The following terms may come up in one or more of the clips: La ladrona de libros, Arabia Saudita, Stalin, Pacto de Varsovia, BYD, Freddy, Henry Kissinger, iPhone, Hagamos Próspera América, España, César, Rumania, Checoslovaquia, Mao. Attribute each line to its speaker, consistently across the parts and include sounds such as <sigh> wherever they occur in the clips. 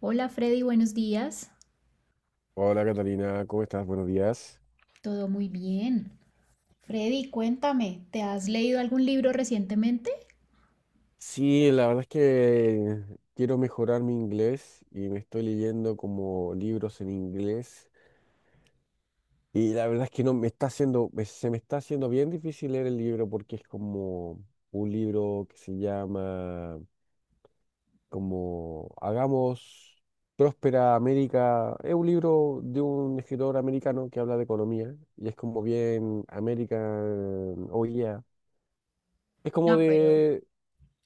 Speaker 1: Hola Freddy, buenos días.
Speaker 2: Hola Catalina, ¿cómo estás? Buenos días.
Speaker 1: Todo muy bien. Freddy, cuéntame, ¿te has leído algún libro recientemente?
Speaker 2: Sí, la verdad es que quiero mejorar mi inglés y me estoy leyendo como libros en inglés y la verdad es que no me está haciendo, se me está haciendo bien difícil leer el libro porque es como un libro que se llama como Hagamos Próspera América. Es un libro de un escritor americano que habla de economía y es como bien American, oh yeah. Es como
Speaker 1: No, pero
Speaker 2: de...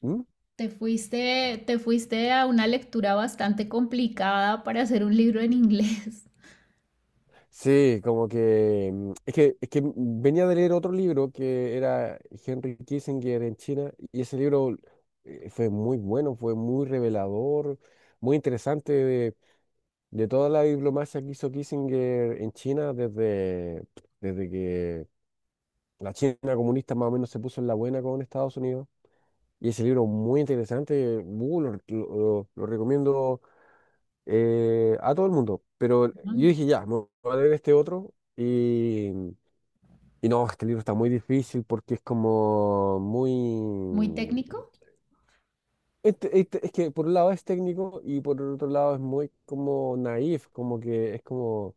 Speaker 2: ¿Mm?
Speaker 1: te fuiste, te fuiste a una lectura bastante complicada para hacer un libro en inglés.
Speaker 2: Sí, como que es que venía de leer otro libro que era Henry Kissinger en China y ese libro fue muy bueno, fue muy revelador, muy interesante de toda la diplomacia que hizo Kissinger en China desde que la China comunista más o menos se puso en la buena con Estados Unidos y ese libro muy interesante, lo recomiendo a todo el mundo. Pero
Speaker 1: <laughs>
Speaker 2: yo
Speaker 1: mm,
Speaker 2: dije ya, me voy a leer este otro y no, este libro está muy difícil porque es como
Speaker 1: muy
Speaker 2: muy...
Speaker 1: técnico.
Speaker 2: es que por un lado es técnico y por otro lado es muy como naif, como que es como,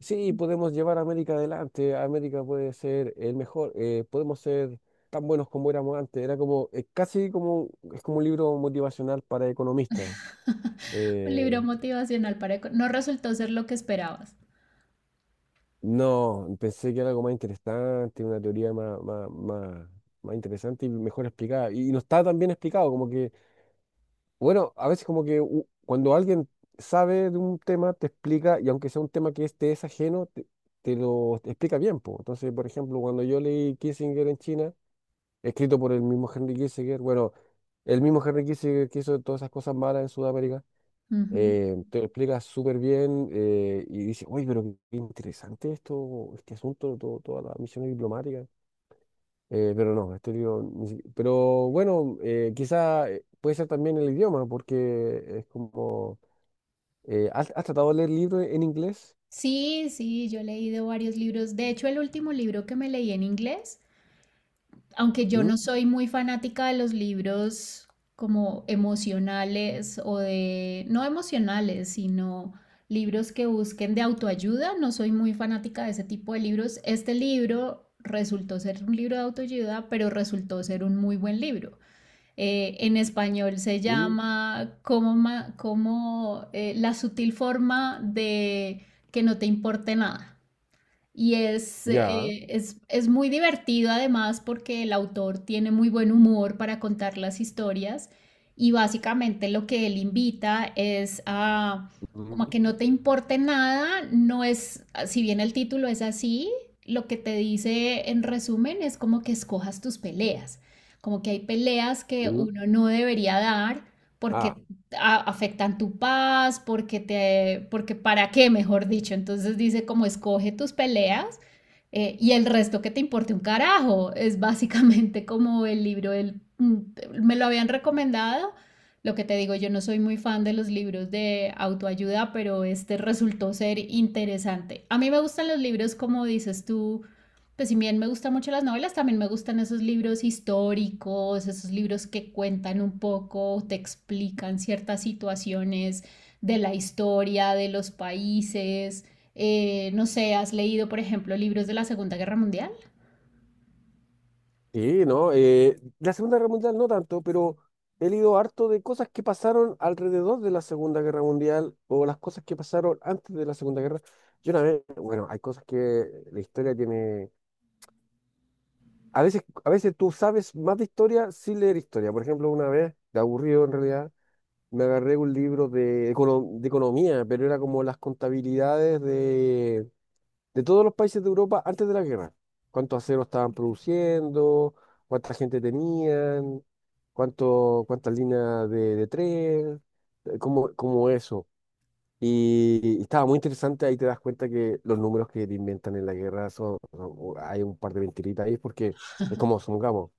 Speaker 2: sí, podemos llevar a América adelante, América puede ser el mejor, podemos ser tan buenos como éramos antes. Era como, es casi como, es como un libro motivacional para economistas.
Speaker 1: <laughs> Un libro
Speaker 2: Eh,
Speaker 1: motivacional para... No resultó ser lo que esperabas.
Speaker 2: no, pensé que era algo más interesante, una teoría más interesante y mejor explicada. Y no está tan bien explicado, como que... Bueno, a veces como que cuando alguien sabe de un tema, te explica, y aunque sea un tema que es, te es ajeno, te explica bien, po. Entonces, por ejemplo, cuando yo leí Kissinger en China, escrito por el mismo Henry Kissinger, bueno, el mismo Henry Kissinger que hizo todas esas cosas malas en Sudamérica,
Speaker 1: Ujú.
Speaker 2: te lo explica súper bien y dice, uy pero qué interesante esto, este asunto, toda la misión diplomática. Pero no, este libro. Ni si- Pero bueno, quizá puede ser también el idioma, porque es como. ¿Has tratado de leer libros en inglés?
Speaker 1: Sí, yo he leído varios libros. De hecho, el último libro que me leí en inglés, aunque yo no
Speaker 2: ¿Mm?
Speaker 1: soy muy fanática de los libros como emocionales o de, no emocionales, sino libros que busquen de autoayuda, no soy muy fanática de ese tipo de libros. Este libro resultó ser un libro de autoayuda, pero resultó ser un muy buen libro. En español se
Speaker 2: Mm.
Speaker 1: llama como, como, la sutil forma de que no te importe nada. Y
Speaker 2: Ya.
Speaker 1: es muy divertido además porque el autor tiene muy buen humor para contar las historias, y básicamente lo que él invita es a como a
Speaker 2: Mm.
Speaker 1: que no te importe nada. No es, si bien el título es así, lo que te dice en resumen es como que escojas tus peleas, como que hay peleas que
Speaker 2: Mm.
Speaker 1: uno no debería dar
Speaker 2: Ah,
Speaker 1: porque afectan tu paz, porque te, porque para qué, mejor dicho. Entonces dice como escoge tus peleas, y el resto que te importe un carajo. Es básicamente como el libro del, mm, me lo habían recomendado. Lo que te digo, yo no soy muy fan de los libros de autoayuda, pero este resultó ser interesante. A mí me gustan los libros, como dices tú. Pues si bien me gustan mucho las novelas, también me gustan esos libros históricos, esos libros que cuentan un poco, te explican ciertas situaciones de la historia, de los países. No sé, ¿has leído, por ejemplo, libros de la Segunda Guerra Mundial?
Speaker 2: sí, ¿no? La Segunda Guerra Mundial no tanto, pero he leído harto de cosas que pasaron alrededor de la Segunda Guerra Mundial o las cosas que pasaron antes de la Segunda Guerra. Yo una vez, bueno, hay cosas que la historia tiene. A veces tú sabes más de historia sin leer historia. Por ejemplo, una vez, de aburrido en realidad, me agarré un libro de economía, pero era como las contabilidades de todos los países de Europa antes de la guerra. Cuántos aceros estaban produciendo, cuánta gente tenían, cuántas líneas de tren, como, eso. Y estaba muy interesante, ahí te das cuenta que los números que te inventan en la guerra hay un par de mentiritas ahí porque es como, supongamos.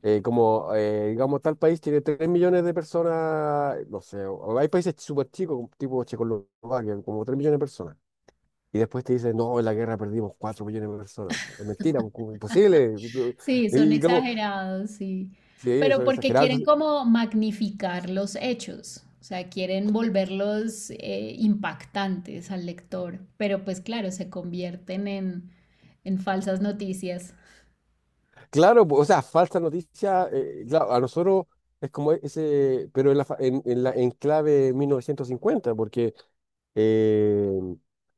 Speaker 2: Como, digamos, tal país tiene 3 millones de personas, no sé, hay países súper chicos, tipo Checoslovaquia, como 3 millones de personas. Y después te dicen, no, en la guerra perdimos 4 millones de personas. Es mentira, pues, como imposible.
Speaker 1: Sí, son
Speaker 2: Y como,
Speaker 1: exagerados, sí.
Speaker 2: sí,
Speaker 1: Pero
Speaker 2: son
Speaker 1: porque
Speaker 2: exagerados.
Speaker 1: quieren
Speaker 2: Entonces,
Speaker 1: como magnificar los hechos, o sea, quieren volverlos, impactantes al lector, pero pues claro, se convierten en falsas noticias.
Speaker 2: claro, pues, o sea, falsa noticia, claro, a nosotros es como ese, pero en la enclave 1950, porque Eh,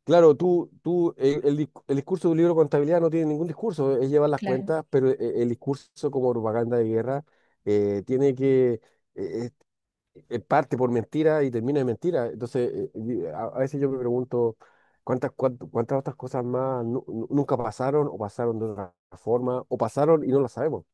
Speaker 2: claro, tú, el discurso de un libro de contabilidad no tiene ningún discurso, es llevar las
Speaker 1: Claro,
Speaker 2: cuentas, pero el discurso como propaganda de guerra tiene que, eh, es- parte por mentira y termina en mentira. Entonces, a veces yo me pregunto cuántas otras cosas más nunca pasaron o pasaron de otra forma o pasaron y no las sabemos.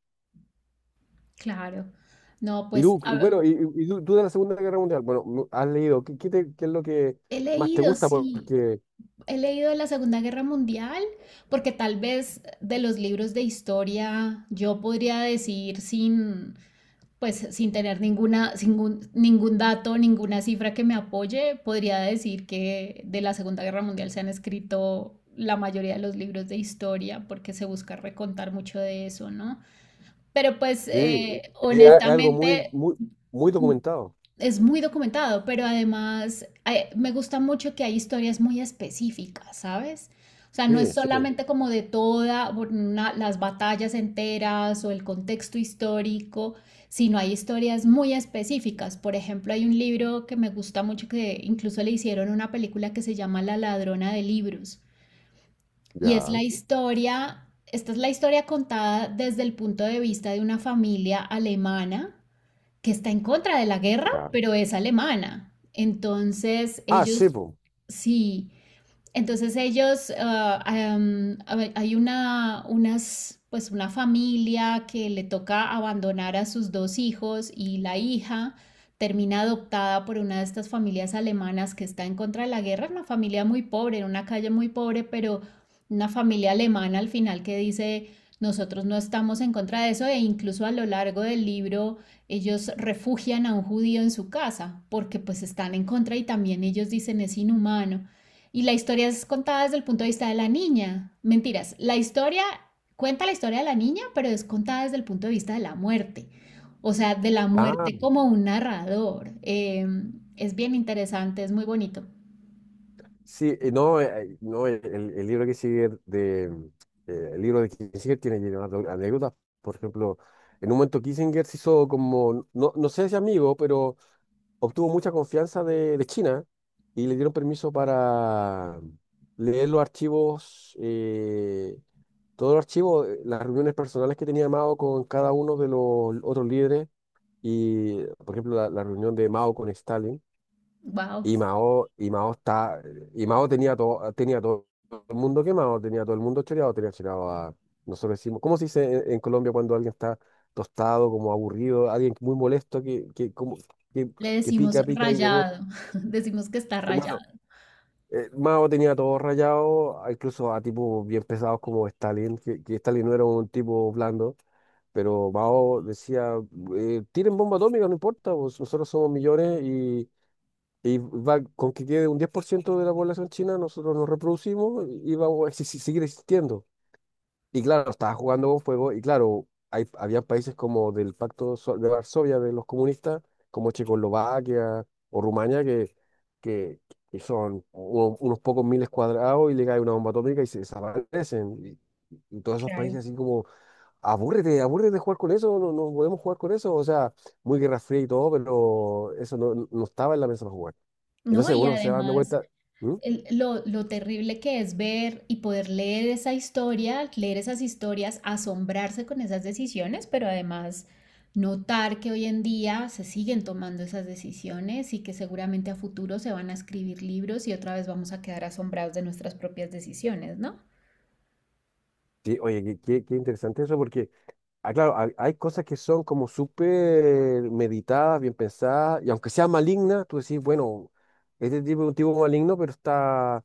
Speaker 1: claro. No,
Speaker 2: Y
Speaker 1: pues
Speaker 2: tú,
Speaker 1: a ver,
Speaker 2: bueno, y tú de la Segunda Guerra Mundial, bueno, has leído, ¿qué es lo que
Speaker 1: he
Speaker 2: más te
Speaker 1: leído,
Speaker 2: gusta?
Speaker 1: sí,
Speaker 2: Porque
Speaker 1: he leído de la Segunda Guerra Mundial, porque tal vez de los libros de historia yo podría decir sin, pues sin tener ninguna, sin ningún dato, ninguna cifra que me apoye, podría decir que de la Segunda Guerra Mundial se han escrito la mayoría de los libros de historia porque se busca recontar mucho de eso, ¿no? Pero pues,
Speaker 2: sí, es es algo muy,
Speaker 1: honestamente
Speaker 2: muy, muy documentado.
Speaker 1: es muy documentado, pero además, me gusta mucho que hay historias muy específicas, ¿sabes? O sea, no es
Speaker 2: Sí, sí,
Speaker 1: solamente como de todas las batallas enteras o el contexto histórico, sino hay historias muy específicas. Por ejemplo, hay un libro que me gusta mucho que incluso le hicieron una película que se llama La ladrona de libros. Y es la
Speaker 2: ya,
Speaker 1: historia, esta es la historia contada desde el punto de vista de una familia alemana que está en contra de la guerra,
Speaker 2: ya.
Speaker 1: pero es alemana. Entonces,
Speaker 2: Ah, sí,
Speaker 1: ellos
Speaker 2: pues.
Speaker 1: sí, entonces ellos, ah, hay una, unas, pues una familia que le toca abandonar a sus dos hijos, y la hija termina adoptada por una de estas familias alemanas que está en contra de la guerra, una familia muy pobre, en una calle muy pobre, pero una familia alemana al final que dice, nosotros no estamos en contra de eso, e incluso a lo largo del libro ellos refugian a un judío en su casa porque pues están en contra y también ellos dicen es inhumano. Y la historia es contada desde el punto de vista de la niña. Mentiras, la historia cuenta la historia de la niña, pero es contada desde el punto de vista de la muerte. O sea, de la
Speaker 2: Ah,
Speaker 1: muerte como un narrador. Es bien interesante, es muy bonito.
Speaker 2: sí, no el libro que sigue de el libro de Kissinger tiene llenas de anécdotas. Por ejemplo, en un momento Kissinger se hizo como, no, no sé si amigo, pero obtuvo mucha confianza de China y le dieron permiso para leer los archivos todo el archivo, las reuniones personales que tenía Mao con cada uno de los otros líderes y, por ejemplo, la reunión de Mao con Stalin.
Speaker 1: Wow.
Speaker 2: Y Mao tenía todo el mundo quemado, tenía todo el mundo choreado, tenía choreado a, nosotros decimos, ¿cómo se dice en Colombia cuando alguien está tostado, como aburrido, alguien muy molesto como, que,
Speaker 1: Le
Speaker 2: que
Speaker 1: decimos
Speaker 2: pica, pica y yogur?
Speaker 1: rayado, <laughs> decimos que está
Speaker 2: Bueno,
Speaker 1: rayado.
Speaker 2: Mao tenía todo rayado, incluso a tipos bien pesados como Stalin, que Stalin no era un tipo blando, pero Mao decía, tiren bomba atómica, no importa, pues, nosotros somos millones y, va, con que quede un 10% de la población china, nosotros nos reproducimos y vamos a seguir existiendo. Y claro, estaba jugando con fuego y claro, había países como del Pacto de Varsovia de los comunistas, como Checoslovaquia o Rumania, que, que son unos pocos miles cuadrados y le cae una bomba atómica y se desaparecen. Y todos esos
Speaker 1: Claro.
Speaker 2: países así como, abúrrete, abúrrete de jugar con eso, no, no podemos jugar con eso. O sea, muy Guerra Fría y todo, pero eso no estaba en la mesa para jugar.
Speaker 1: No,
Speaker 2: Entonces
Speaker 1: y
Speaker 2: uno se va dando
Speaker 1: además,
Speaker 2: vuelta. ¿Mm?
Speaker 1: lo terrible que es ver y poder leer esa historia, leer esas historias, asombrarse con esas decisiones, pero además notar que hoy en día se siguen tomando esas decisiones y que seguramente a futuro se van a escribir libros y otra vez vamos a quedar asombrados de nuestras propias decisiones, ¿no?
Speaker 2: Sí, oye, qué interesante eso, porque ah, claro, hay cosas que son como súper meditadas, bien pensadas, y aunque sea maligna, tú decís, bueno, este tipo es un tipo maligno, pero está,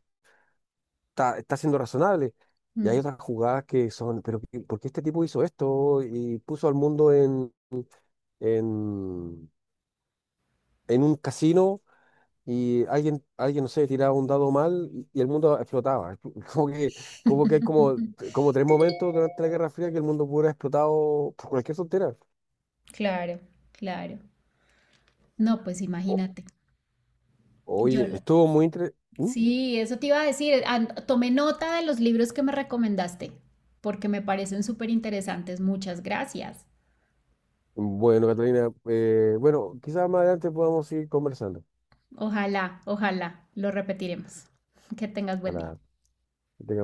Speaker 2: está, está siendo razonable. Y hay
Speaker 1: Mm,
Speaker 2: otras jugadas que son, pero ¿por qué este tipo hizo esto? Y puso al mundo en, en un casino y alguien, no sé, tiraba un dado mal y el mundo explotaba. <laughs> Como que, como que hay como tres momentos durante la Guerra Fría que el mundo hubiera explotado por cualquier tontera.
Speaker 1: claro, claro. No, pues imagínate. Yo
Speaker 2: Oye,
Speaker 1: no.
Speaker 2: estuvo muy interesante.
Speaker 1: Sí, eso te iba a decir. Tomé nota de los libros que me recomendaste, porque me parecen súper interesantes. Muchas gracias.
Speaker 2: Bueno, Catalina, bueno, quizás más adelante podamos seguir conversando.
Speaker 1: Ojalá, ojalá, lo repetiremos. Que tengas buen día.
Speaker 2: Ojalá que tengamos